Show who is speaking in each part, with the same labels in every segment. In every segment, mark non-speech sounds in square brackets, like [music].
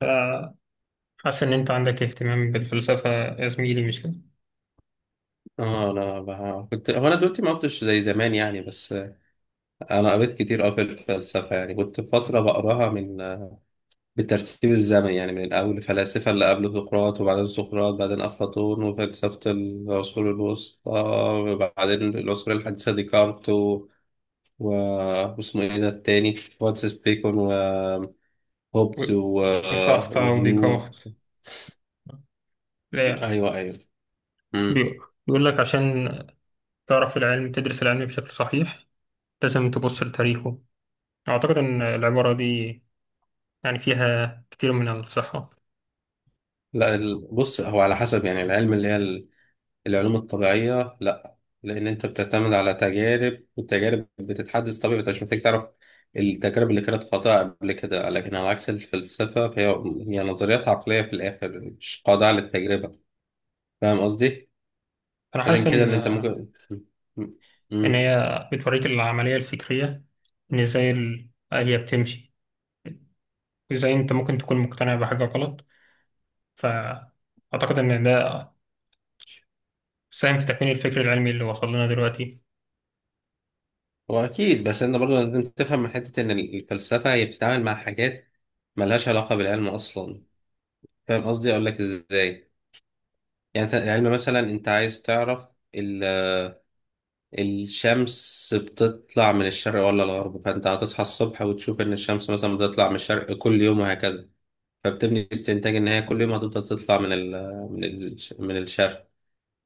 Speaker 1: فحاسس إن أنت عندك اهتمام بالفلسفة يا زميلي، مش كده؟
Speaker 2: اه، لا بقى. كنت هو انا دلوقتي ما قلتش زي زمان، يعني. بس انا قريت كتير قوي في الفلسفه، يعني كنت فتره بقراها بالترتيب الزمني، يعني من الاول الفلاسفه اللي قبل سقراط، وبعدين سقراط، بعدين افلاطون، وفلسفه العصور الوسطى، وبعدين العصور الحديثه ديكارت و... واسمه ايه ده التاني، فرانسيس بيكون وهوبز، و...
Speaker 1: و- وسارتر
Speaker 2: وهيو.
Speaker 1: وديكارت. لا، يعني
Speaker 2: ايوه ايوه. امم
Speaker 1: بي- بيقول لك عشان تعرف العلم، تدرس العلم بشكل صحيح لازم تبص لتاريخه. أعتقد إن العبارة دي يعني فيها كتير من الصحة.
Speaker 2: لا. بص، هو على حسب، يعني العلم اللي هي العلوم الطبيعية لا، لأن أنت بتعتمد على تجارب، والتجارب بتتحدث طبيعي، أنت مش محتاج تعرف التجارب اللي كانت خاطئة قبل كده. لكن على عكس الفلسفة، فهي هي نظريات عقلية في الآخر، مش خاضعة للتجربة. فاهم قصدي؟
Speaker 1: أنا حاسس
Speaker 2: عشان كده
Speaker 1: إن
Speaker 2: إن أنت ممكن م-
Speaker 1: إن
Speaker 2: م-
Speaker 1: هي بتوريك العملية الفكرية، إن إزاي هي بتمشي، وإزاي أنت ممكن تكون مقتنع بحاجة غلط. فأعتقد إن ده ساهم في تكوين الفكر العلمي اللي وصل لنا دلوقتي.
Speaker 2: هو أكيد، بس أنت برضه لازم تفهم من حتة إن الفلسفة هي بتتعامل مع حاجات ملهاش علاقة بالعلم أصلا. فاهم قصدي؟ أقول لك إزاي. يعني أنت العلم مثلا، أنت عايز تعرف الشمس بتطلع من الشرق ولا الغرب، فانت هتصحى الصبح وتشوف ان الشمس مثلا بتطلع من الشرق كل يوم، وهكذا. فبتبني استنتاج ان هي كل يوم هتفضل تطلع من ال من ال من الشرق.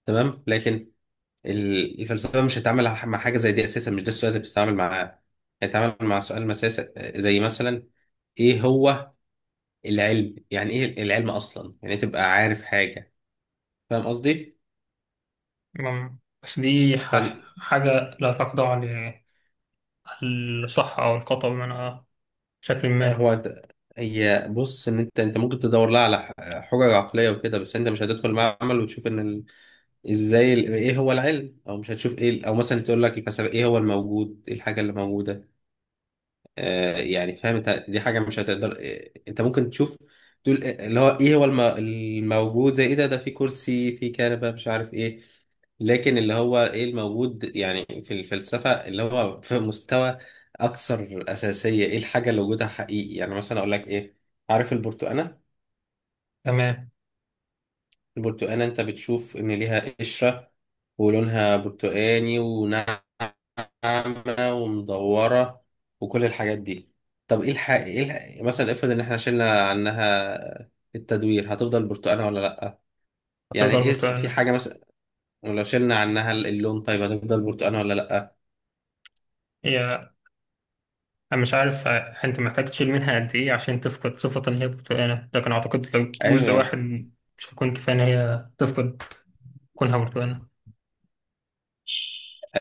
Speaker 2: تمام. لكن الفلسفه مش هتتعامل مع حاجه زي دي اساسا، مش ده السؤال اللي بتتعامل معاه. هتتعامل مع سؤال مساسي، زي مثلا ايه هو العلم، يعني ايه العلم اصلا، يعني إيه تبقى عارف حاجه. فاهم قصدي.
Speaker 1: مم. بس دي حاجة لا تخضع للصحة أو الخطأ، بمعنى بشكل ما.
Speaker 2: هو أنت- هي بص، ان انت ممكن تدور لها على حجج عقليه وكده، بس انت مش هتدخل معمل وتشوف ان ايه هو العلم، او مش هتشوف ايه او مثلا تقول لك الفلسفه ايه هو الموجود، ايه الحاجه اللي موجوده. يعني فاهم انت، دي حاجه مش هتقدر، انت ممكن تشوف، تقول اللي هو ايه هو الموجود زي ايه، ده ده في كرسي، في كنبه، مش عارف ايه. لكن اللي هو ايه الموجود يعني في الفلسفه، اللي هو في مستوى اكثر اساسيه، ايه الحاجه اللي وجودها حقيقي. يعني مثلا اقول لك ايه، عارف البرتقانه.
Speaker 1: تمام.
Speaker 2: البرتقانة انت بتشوف ان ليها قشرة، ولونها برتقاني، وناعمة، ومدورة، وكل الحاجات دي. طب ايه مثلا افرض ان احنا شلنا عنها التدوير، هتفضل برتقانة ولا لأ؟ يعني
Speaker 1: هتفضل
Speaker 2: ايه، في
Speaker 1: برتقانة.
Speaker 2: حاجة مثلا. ولو شلنا عنها اللون، طيب هتفضل برتقانة ولا لأ؟
Speaker 1: هي أنا مش عارف أنت محتاج تشيل منها قد إيه عشان تفقد صفة إن هي برتقانة، لكن أعتقد لو جزء
Speaker 2: ايوه.
Speaker 1: واحد مش هيكون كفاية إن هي تفقد كونها برتقانة.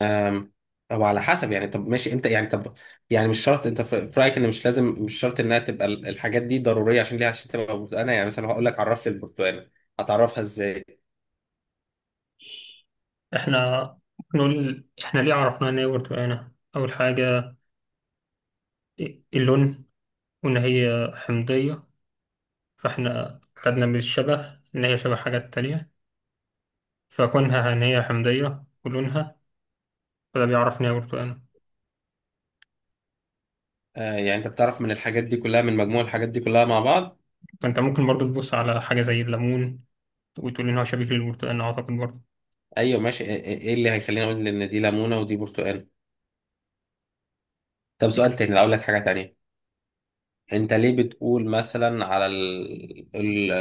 Speaker 2: أم، او على حسب يعني. طب ماشي انت يعني، طب يعني مش شرط، انت في رايك ان مش لازم، مش شرط انها تبقى الحاجات دي ضروريه عشان ليها، عشان تبقى برتقانه. يعني مثلا هقول لك، عرف لي البرتقانه، هتعرفها ازاي؟
Speaker 1: إحنا ممكن نقول إحنا ليه عرفنا إن هي برتقانة؟ أول حاجة اللون، وإن هي حمضية. فإحنا خدنا من الشبه إن هي شبه حاجات تانية، فكونها هنية حمضية ولونها، فده بيعرف إن هي برتقانة.
Speaker 2: آه، يعني انت بتعرف من الحاجات دي كلها، من مجموع الحاجات دي كلها مع بعض.
Speaker 1: فأنت ممكن برضو تبص على حاجة زي الليمون، وتقول إن هو شبيه للبرتقال أعتقد برضو.
Speaker 2: ايوه ماشي. ايه إيه اللي هيخليني اقول ان دي ليمونه ودي برتقانه. طب سؤال تاني، لو اقول لك حاجه تانيه، انت ليه بتقول مثلا على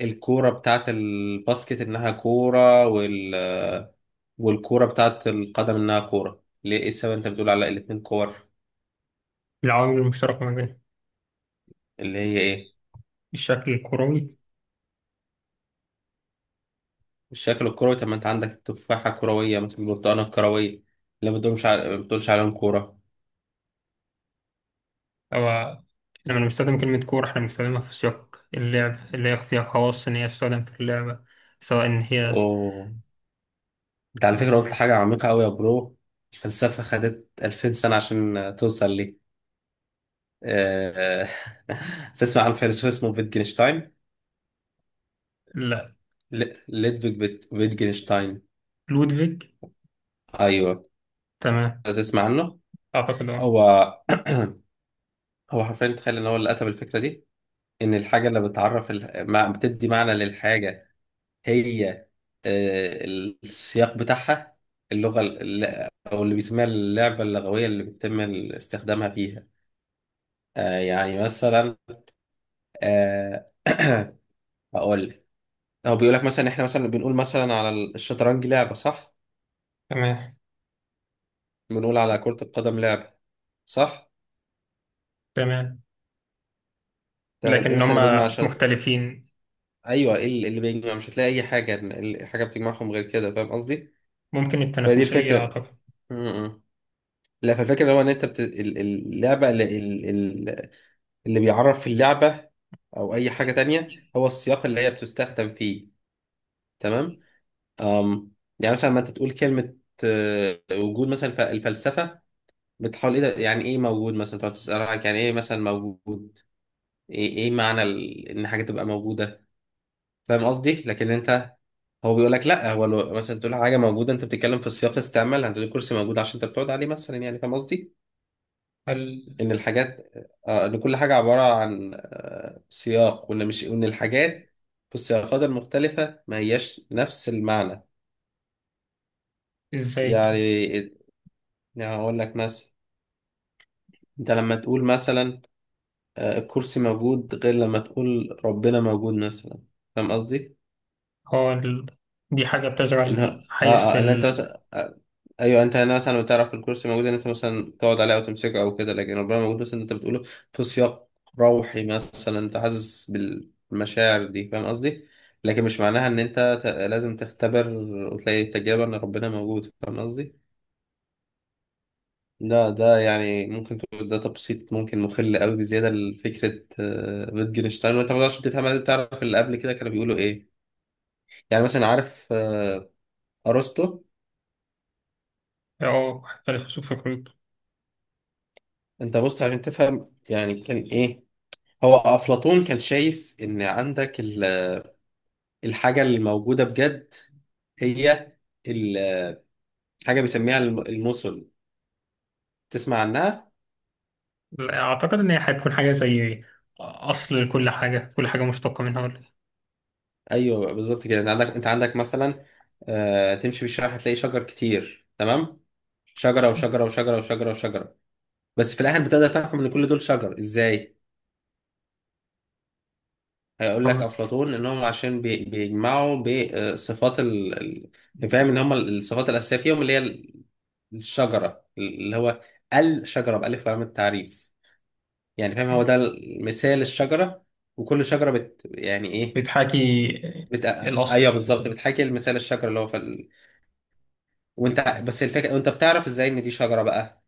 Speaker 2: الكوره بتاعت الباسكت انها كوره، والكورة بتاعت القدم إنها كورة؟ ليه، إيه السبب أنت بتقول على الاتنين كور؟
Speaker 1: العوامل المشتركة ما بينهم.
Speaker 2: اللي هي إيه؟
Speaker 1: الشكل الكروي.
Speaker 2: الشكل الكروي. طب ما أنت عندك التفاحة كروية مثلا، البرتقانة الكروية، اللي ما بتقولش عليهم كورة.
Speaker 1: أو لما بنستخدم كلمة كورة، إحنا بنستخدمها في سياق اللعب، اللي هي فيها خواص إن هي تستخدم في اللعبة، سواء إن هي.
Speaker 2: أوه، أنت على فكرة قلت حاجة عميقة أوي يا برو. الفلسفة خدت 2000 سنة عشان توصل لي. آه، [laughs] تسمع عن فيلسوف اسمه فيتجنشتاين؟
Speaker 1: لا،
Speaker 2: ليدفيج فيتجنشتاين.
Speaker 1: لودفيج.
Speaker 2: أيوه،
Speaker 1: تمام.
Speaker 2: تسمع عنه؟
Speaker 1: أعتقد أه.
Speaker 2: هو هو حرفيا تخيل إن هو اللي كتب الفكرة دي. ان الحاجه اللي بتعرف بتدي معنى للحاجه هي، آه، السياق بتاعها، اللغه او اللي بيسميها اللعبه اللغويه اللي بيتم استخدامها فيها. آه، يعني مثلا، آه، [clears throat] هقول لك. هو بيقول لك مثلا، احنا مثلا بنقول مثلا على الشطرنج لعبه، صح؟
Speaker 1: تمام،
Speaker 2: بنقول على كره القدم لعبه، صح؟
Speaker 1: تمام.
Speaker 2: تمام. ايه
Speaker 1: لكن
Speaker 2: مثلا اللي بيجمع
Speaker 1: هما مختلفين.
Speaker 2: ايوه ايه اللي بيجمع؟ مش هتلاقي اي حاجه، حاجه بتجمعهم غير كده. فاهم قصدي.
Speaker 1: ممكن
Speaker 2: فدي
Speaker 1: التنافسية
Speaker 2: الفكره.
Speaker 1: أعتقد.
Speaker 2: م- م. لا، فالفكرة هو ان انت اللعبة ال- اللي بيعرف اللعبة او اي حاجة تانية هو السياق اللي هي بتستخدم فيه. تمام. أم... يعني مثلا، ما انت تقول كلمة، آه، وجود مثلا، الفلسفة بتحاول ايه ده، يعني ايه موجود مثلا، تقعد تسأل عنك يعني ايه مثلا موجود، إيه معنى ان حاجة تبقى موجودة. فاهم قصدي. لكن انت، هو بيقول لك لا، هو لو مثلا تقول حاجة موجودة، انت بتتكلم في السياق استعمال، انت تقول كرسي موجود عشان انت بتقعد عليه مثلا، يعني فاهم قصدي.
Speaker 1: هل
Speaker 2: ان الحاجات، آه، ان كل حاجه عباره عن، آه، سياق، وان مش وان الحاجات في السياقات المختلفه ما هياش نفس المعنى.
Speaker 1: إزاي
Speaker 2: يعني، يعني هقول لك مثلا، انت لما تقول مثلا، آه، الكرسي موجود، غير لما تقول ربنا موجود مثلا. فاهم قصدي؟
Speaker 1: هو ال... دي حاجة بتشغل
Speaker 2: انها
Speaker 1: حيز
Speaker 2: اه
Speaker 1: في
Speaker 2: اه اللي انت
Speaker 1: ال
Speaker 2: مثلا، آه، ايوه، انت هنا مثلا بتعرف الكرسي موجود ان انت مثلا تقعد عليه او تمسكه او كده، لكن ربنا موجود مثلا، انت بتقوله في سياق روحي مثلا، انت حاسس بالمشاعر دي. فاهم قصدي. لكن مش معناها ان انت لازم تختبر وتلاقي تجربة ان ربنا موجود. فاهم قصدي. ده يعني ممكن تقول ده تبسيط ممكن مخل قوي بزياده لفكره، آه، wittgenstein، وانت ما تقدرش تفهم، لازم تعرف اللي قبل كده كانوا بيقولوا ايه. يعني مثلا عارف، آه، ارسطو.
Speaker 1: اه الخسوف في الخيوط.
Speaker 2: انت بص عشان تفهم يعني كان ايه. هو افلاطون كان شايف ان عندك الحاجه اللي موجوده بجد هي ال- حاجه بيسميها المثل. تسمع عنها؟
Speaker 1: لا، أعتقد إن هي هتكون حاجة زي أصل لكل حاجة، كل حاجة مشتقة منها، ولا إيه؟
Speaker 2: ايوه بالظبط كده. انت عندك، مثلا، آه، تمشي في الشارع هتلاقي شجر كتير. تمام. شجره وشجره وشجره وشجره وشجره، بس في الاخر بتقدر تحكم ان كل دول شجر. ازاي؟ هيقول لك
Speaker 1: طبعاً.
Speaker 2: افلاطون انهم عشان بيجمعوا بصفات، يعني فاهم ان هم الصفات الاساسيه فيهم، اللي هي الشجره، اللي هو الشجره بالف لام التعريف. يعني فاهم، هو ده مثال الشجره. وكل شجره يعني ايه،
Speaker 1: بتحاكي
Speaker 2: بت...
Speaker 1: الأصل.
Speaker 2: ايوه بالظبط، بتحكي المثال الشجره اللي هو في وانت، بس الفكره، وانت بتعرف ازاي ان دي شجره بقى؟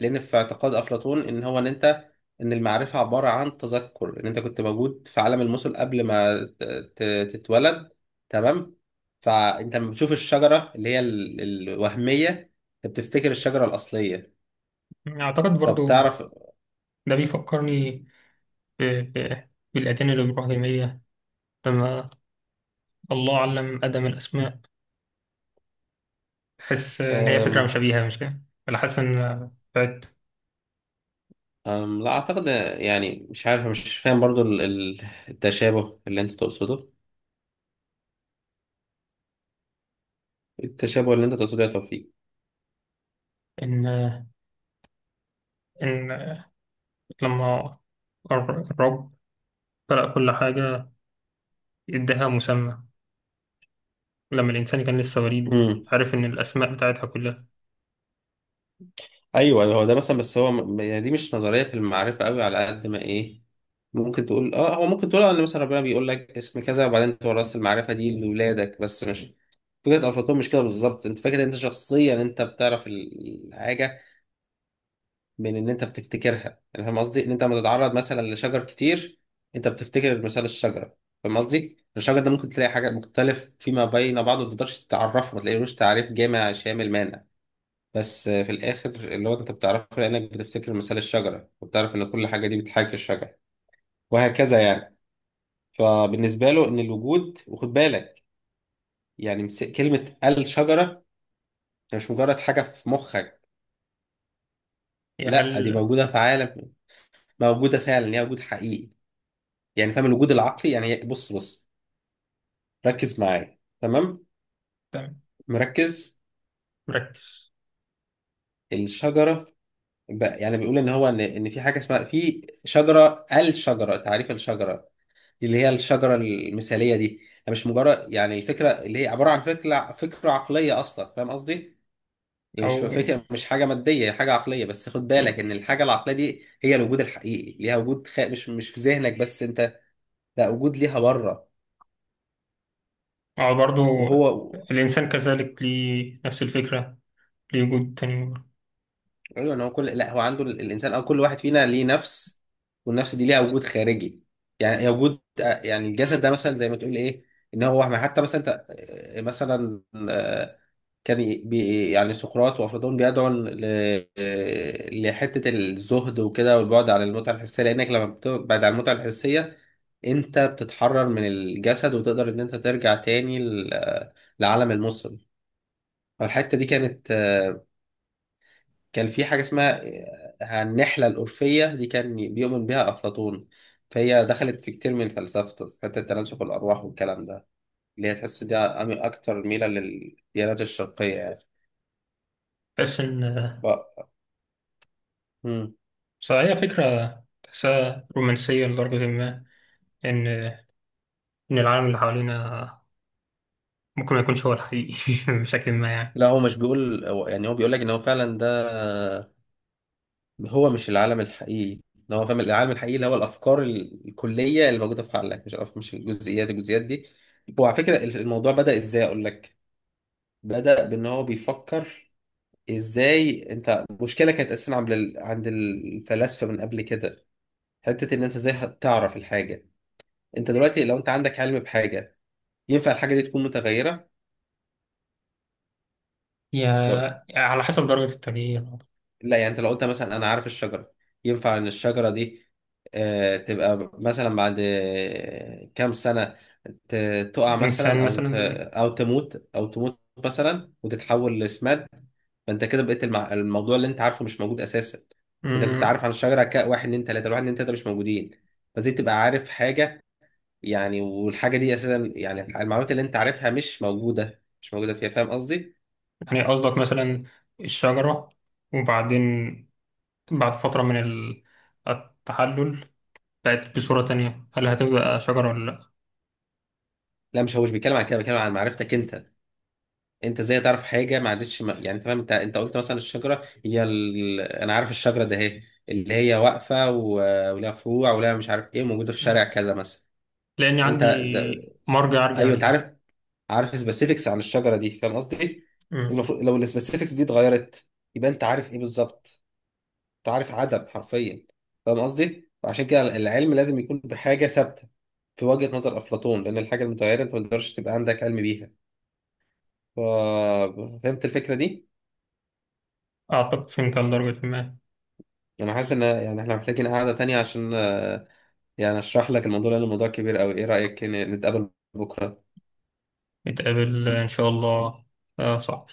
Speaker 2: لان في اعتقاد افلاطون ان هو ان انت، ان المعرفه عباره عن تذكر، ان انت كنت موجود في عالم المثل قبل ما تتولد. تمام. فانت لما بتشوف الشجره اللي هي الوهميه، انت بتفتكر الشجره الاصليه،
Speaker 1: أعتقد برضو
Speaker 2: فبتعرف.
Speaker 1: ده بيفكرني بالأديان الإبراهيمية، لما الله علم آدم الأسماء. تحس إن هي فكرة
Speaker 2: أم
Speaker 1: مشابهة مش كده؟ ولا حاسس إن بتاعت
Speaker 2: أم. لا اعتقد، يعني مش عارف، مش فاهم برضو التشابه اللي انت تقصده، التشابه اللي انت تقصده يا توفيق.
Speaker 1: إن إن لما الرب خلق كل حاجة اداها مسمى، لما الإنسان كان لسه وليد عارف إن الأسماء بتاعتها كلها.
Speaker 2: ايوه هو ده مثلا، بس هو يعني دي مش نظريه في المعرفه قوي على قد ما ايه. ممكن تقول اه، هو ممكن تقول اه ان مثلا ربنا بيقول لك اسم كذا، وبعدين تورث المعرفه دي لاولادك، بس مش فكره افلاطون مش كده بالظبط. انت فاكر ان انت شخصيا انت بتعرف الحاجه من ان انت بتفتكرها. يعني فاهم قصدي، ان انت لما تتعرض مثلا لشجر كتير، انت بتفتكر مثال الشجره. فاهم قصدي. الشجر ده ممكن تلاقي حاجات مختلف فيما بين بعضه، ما تقدرش تعرفه، ما تلاقيلوش تعريف جامع شامل مانع. بس في الآخر اللي هو أنت بتعرفه لأنك بتفتكر مثال الشجرة، وبتعرف إن كل حاجة دي بتحاكي الشجرة، وهكذا يعني. فبالنسبة له إن الوجود، وخد بالك، يعني كلمة الشجرة هي مش مجرد حاجة في مخك.
Speaker 1: هي
Speaker 2: لا، دي
Speaker 1: هل
Speaker 2: موجودة في عالم، موجودة فعلا، هي وجود حقيقي. يعني فاهم، الوجود العقلي. يعني بص ركز معايا. تمام.
Speaker 1: تمام.
Speaker 2: مركز.
Speaker 1: مركز.
Speaker 2: الشجرة بقى، يعني بيقول إن هو إن إن في حاجة اسمها شجرة، الشجرة، تعريف الشجرة، اللي هي الشجرة المثالية دي، هي مش مجرد يعني الفكرة اللي هي عبارة عن فكرة، فكرة عقلية أصلا. فاهم قصدي؟ هي مش
Speaker 1: أو
Speaker 2: فكرة، مش حاجة مادية، هي حاجة عقلية، بس خد بالك إن الحاجة العقلية دي هي الوجود الحقيقي، ليها وجود خ... مش مش في ذهنك بس أنت، لا وجود ليها بره.
Speaker 1: أو برضو
Speaker 2: وهو،
Speaker 1: الإنسان كذلك ليه نفس الفكرة، ليه وجود تاني برضه.
Speaker 2: ايوه إن هو كل، لا هو عنده الانسان او كل واحد فينا ليه نفس، والنفس دي ليها وجود خارجي. يعني هي وجود، آه، يعني الجسد ده مثلا زي ما تقول ايه، ان هو ما، حتى مثلا انت، آه، مثلا، آه، كان ي- بي يعني سقراط وافلاطون بيدعوا آه، لحته الزهد وكده، والبعد عن المتعه الحسيه، لانك لما بتبعد عن المتعه الحسيه انت بتتحرر من الجسد، وتقدر ان انت ترجع تاني آه، لعالم المصل. فالحته دي كانت، كان في حاجة اسمها، آه، النحلة الأرفية، دي كان بيؤمن بيها أفلاطون. فهي دخلت في كتير من فلسفته في حتة تناسخ الأرواح والكلام ده، اللي هي تحس دي أكتر ميلة للديانات الشرقية يعني.
Speaker 1: بحس إن
Speaker 2: ف... مم.
Speaker 1: بصراحة هي فكرة تحسها رومانسية لدرجة ما، إن إن العالم اللي حوالينا ممكن ما يكونش هو الحقيقي [laughs] بشكل ما يعني.
Speaker 2: لا هو مش بيقول، يعني هو بيقول لك إن هو فعلا ده هو مش العالم الحقيقي، إن هو فاهم العالم الحقيقي اللي هو الأفكار الكلية اللي موجودة في عقلك، مش مش الجزئيات، الجزئيات دي. هو على فكرة الموضوع بدأ إزاي أقول لك. بدأ بإن هو بيفكر ازاي. انت مشكله كانت اساسا عند عند الفلاسفه من قبل كده، حته ان انت ازاي هتعرف الحاجه. انت دلوقتي لو انت عندك علم بحاجه، ينفع الحاجه دي تكون متغيره؟ لو،
Speaker 1: يا على حسب درجة التغيير.
Speaker 2: لا يعني انت لو قلت مثلا انا عارف الشجره، ينفع ان الشجره دي، آه، تبقى مثلا بعد، آه، كام سنه تقع مثلا،
Speaker 1: إنسان مثلا.
Speaker 2: او تموت، مثلا، وتتحول لسماد. فانت كده بقيت الموضوع اللي انت عارفه مش موجود اساسا. انت كنت عارف عن الشجره ك 1 2 3، ال1 2 3 مش موجودين. فزي تبقى عارف حاجه يعني، والحاجه دي اساسا، يعني المعلومات اللي انت عارفها مش موجوده، مش موجوده فيها. فاهم قصدي؟
Speaker 1: يعني قصدك مثلا الشجرة وبعدين بعد فترة من التحلل بقت بصورة تانية، هل هتبقى شجرة ولا لأ؟
Speaker 2: لا مش، هو مش بيتكلم عن كده، بيتكلم عن معرفتك انت، انت ازاي تعرف حاجه ما عادتش يعني انت فاهم، انت قلت مثلا الشجره هي انا عارف الشجره ده اهي، اللي هي واقفه ولها فروع، ولها مش عارف ايه، موجوده في
Speaker 1: مم.
Speaker 2: شارع كذا مثلا.
Speaker 1: لأن
Speaker 2: انت ده...
Speaker 1: عندي مرجع أرجع
Speaker 2: ايوه انت
Speaker 1: ليه.
Speaker 2: عارف، عارف سبيسيفيكس عن الشجره دي. فاهم قصدي.
Speaker 1: مم.
Speaker 2: المفروض لو السبيسيفيكس دي اتغيرت، يبقى انت عارف ايه بالظبط؟ انت عارف عدد حرفيا. فاهم قصدي. وعشان كده العلم لازم يكون بحاجه ثابته، في وجهه نظر افلاطون، لان الحاجه المتغيره انت ما تقدرش تبقى عندك علم بيها. ف- فهمت الفكره دي؟
Speaker 1: أعتقد فهمت على درجة ما.
Speaker 2: انا حاسس ان، يعني احنا محتاجين قعده تانية عشان، آه، يعني اشرح لك الموضوع، لان الموضوع كبير قوي. ايه رايك نتقابل بكره؟
Speaker 1: نتقابل إن شاء الله. صح.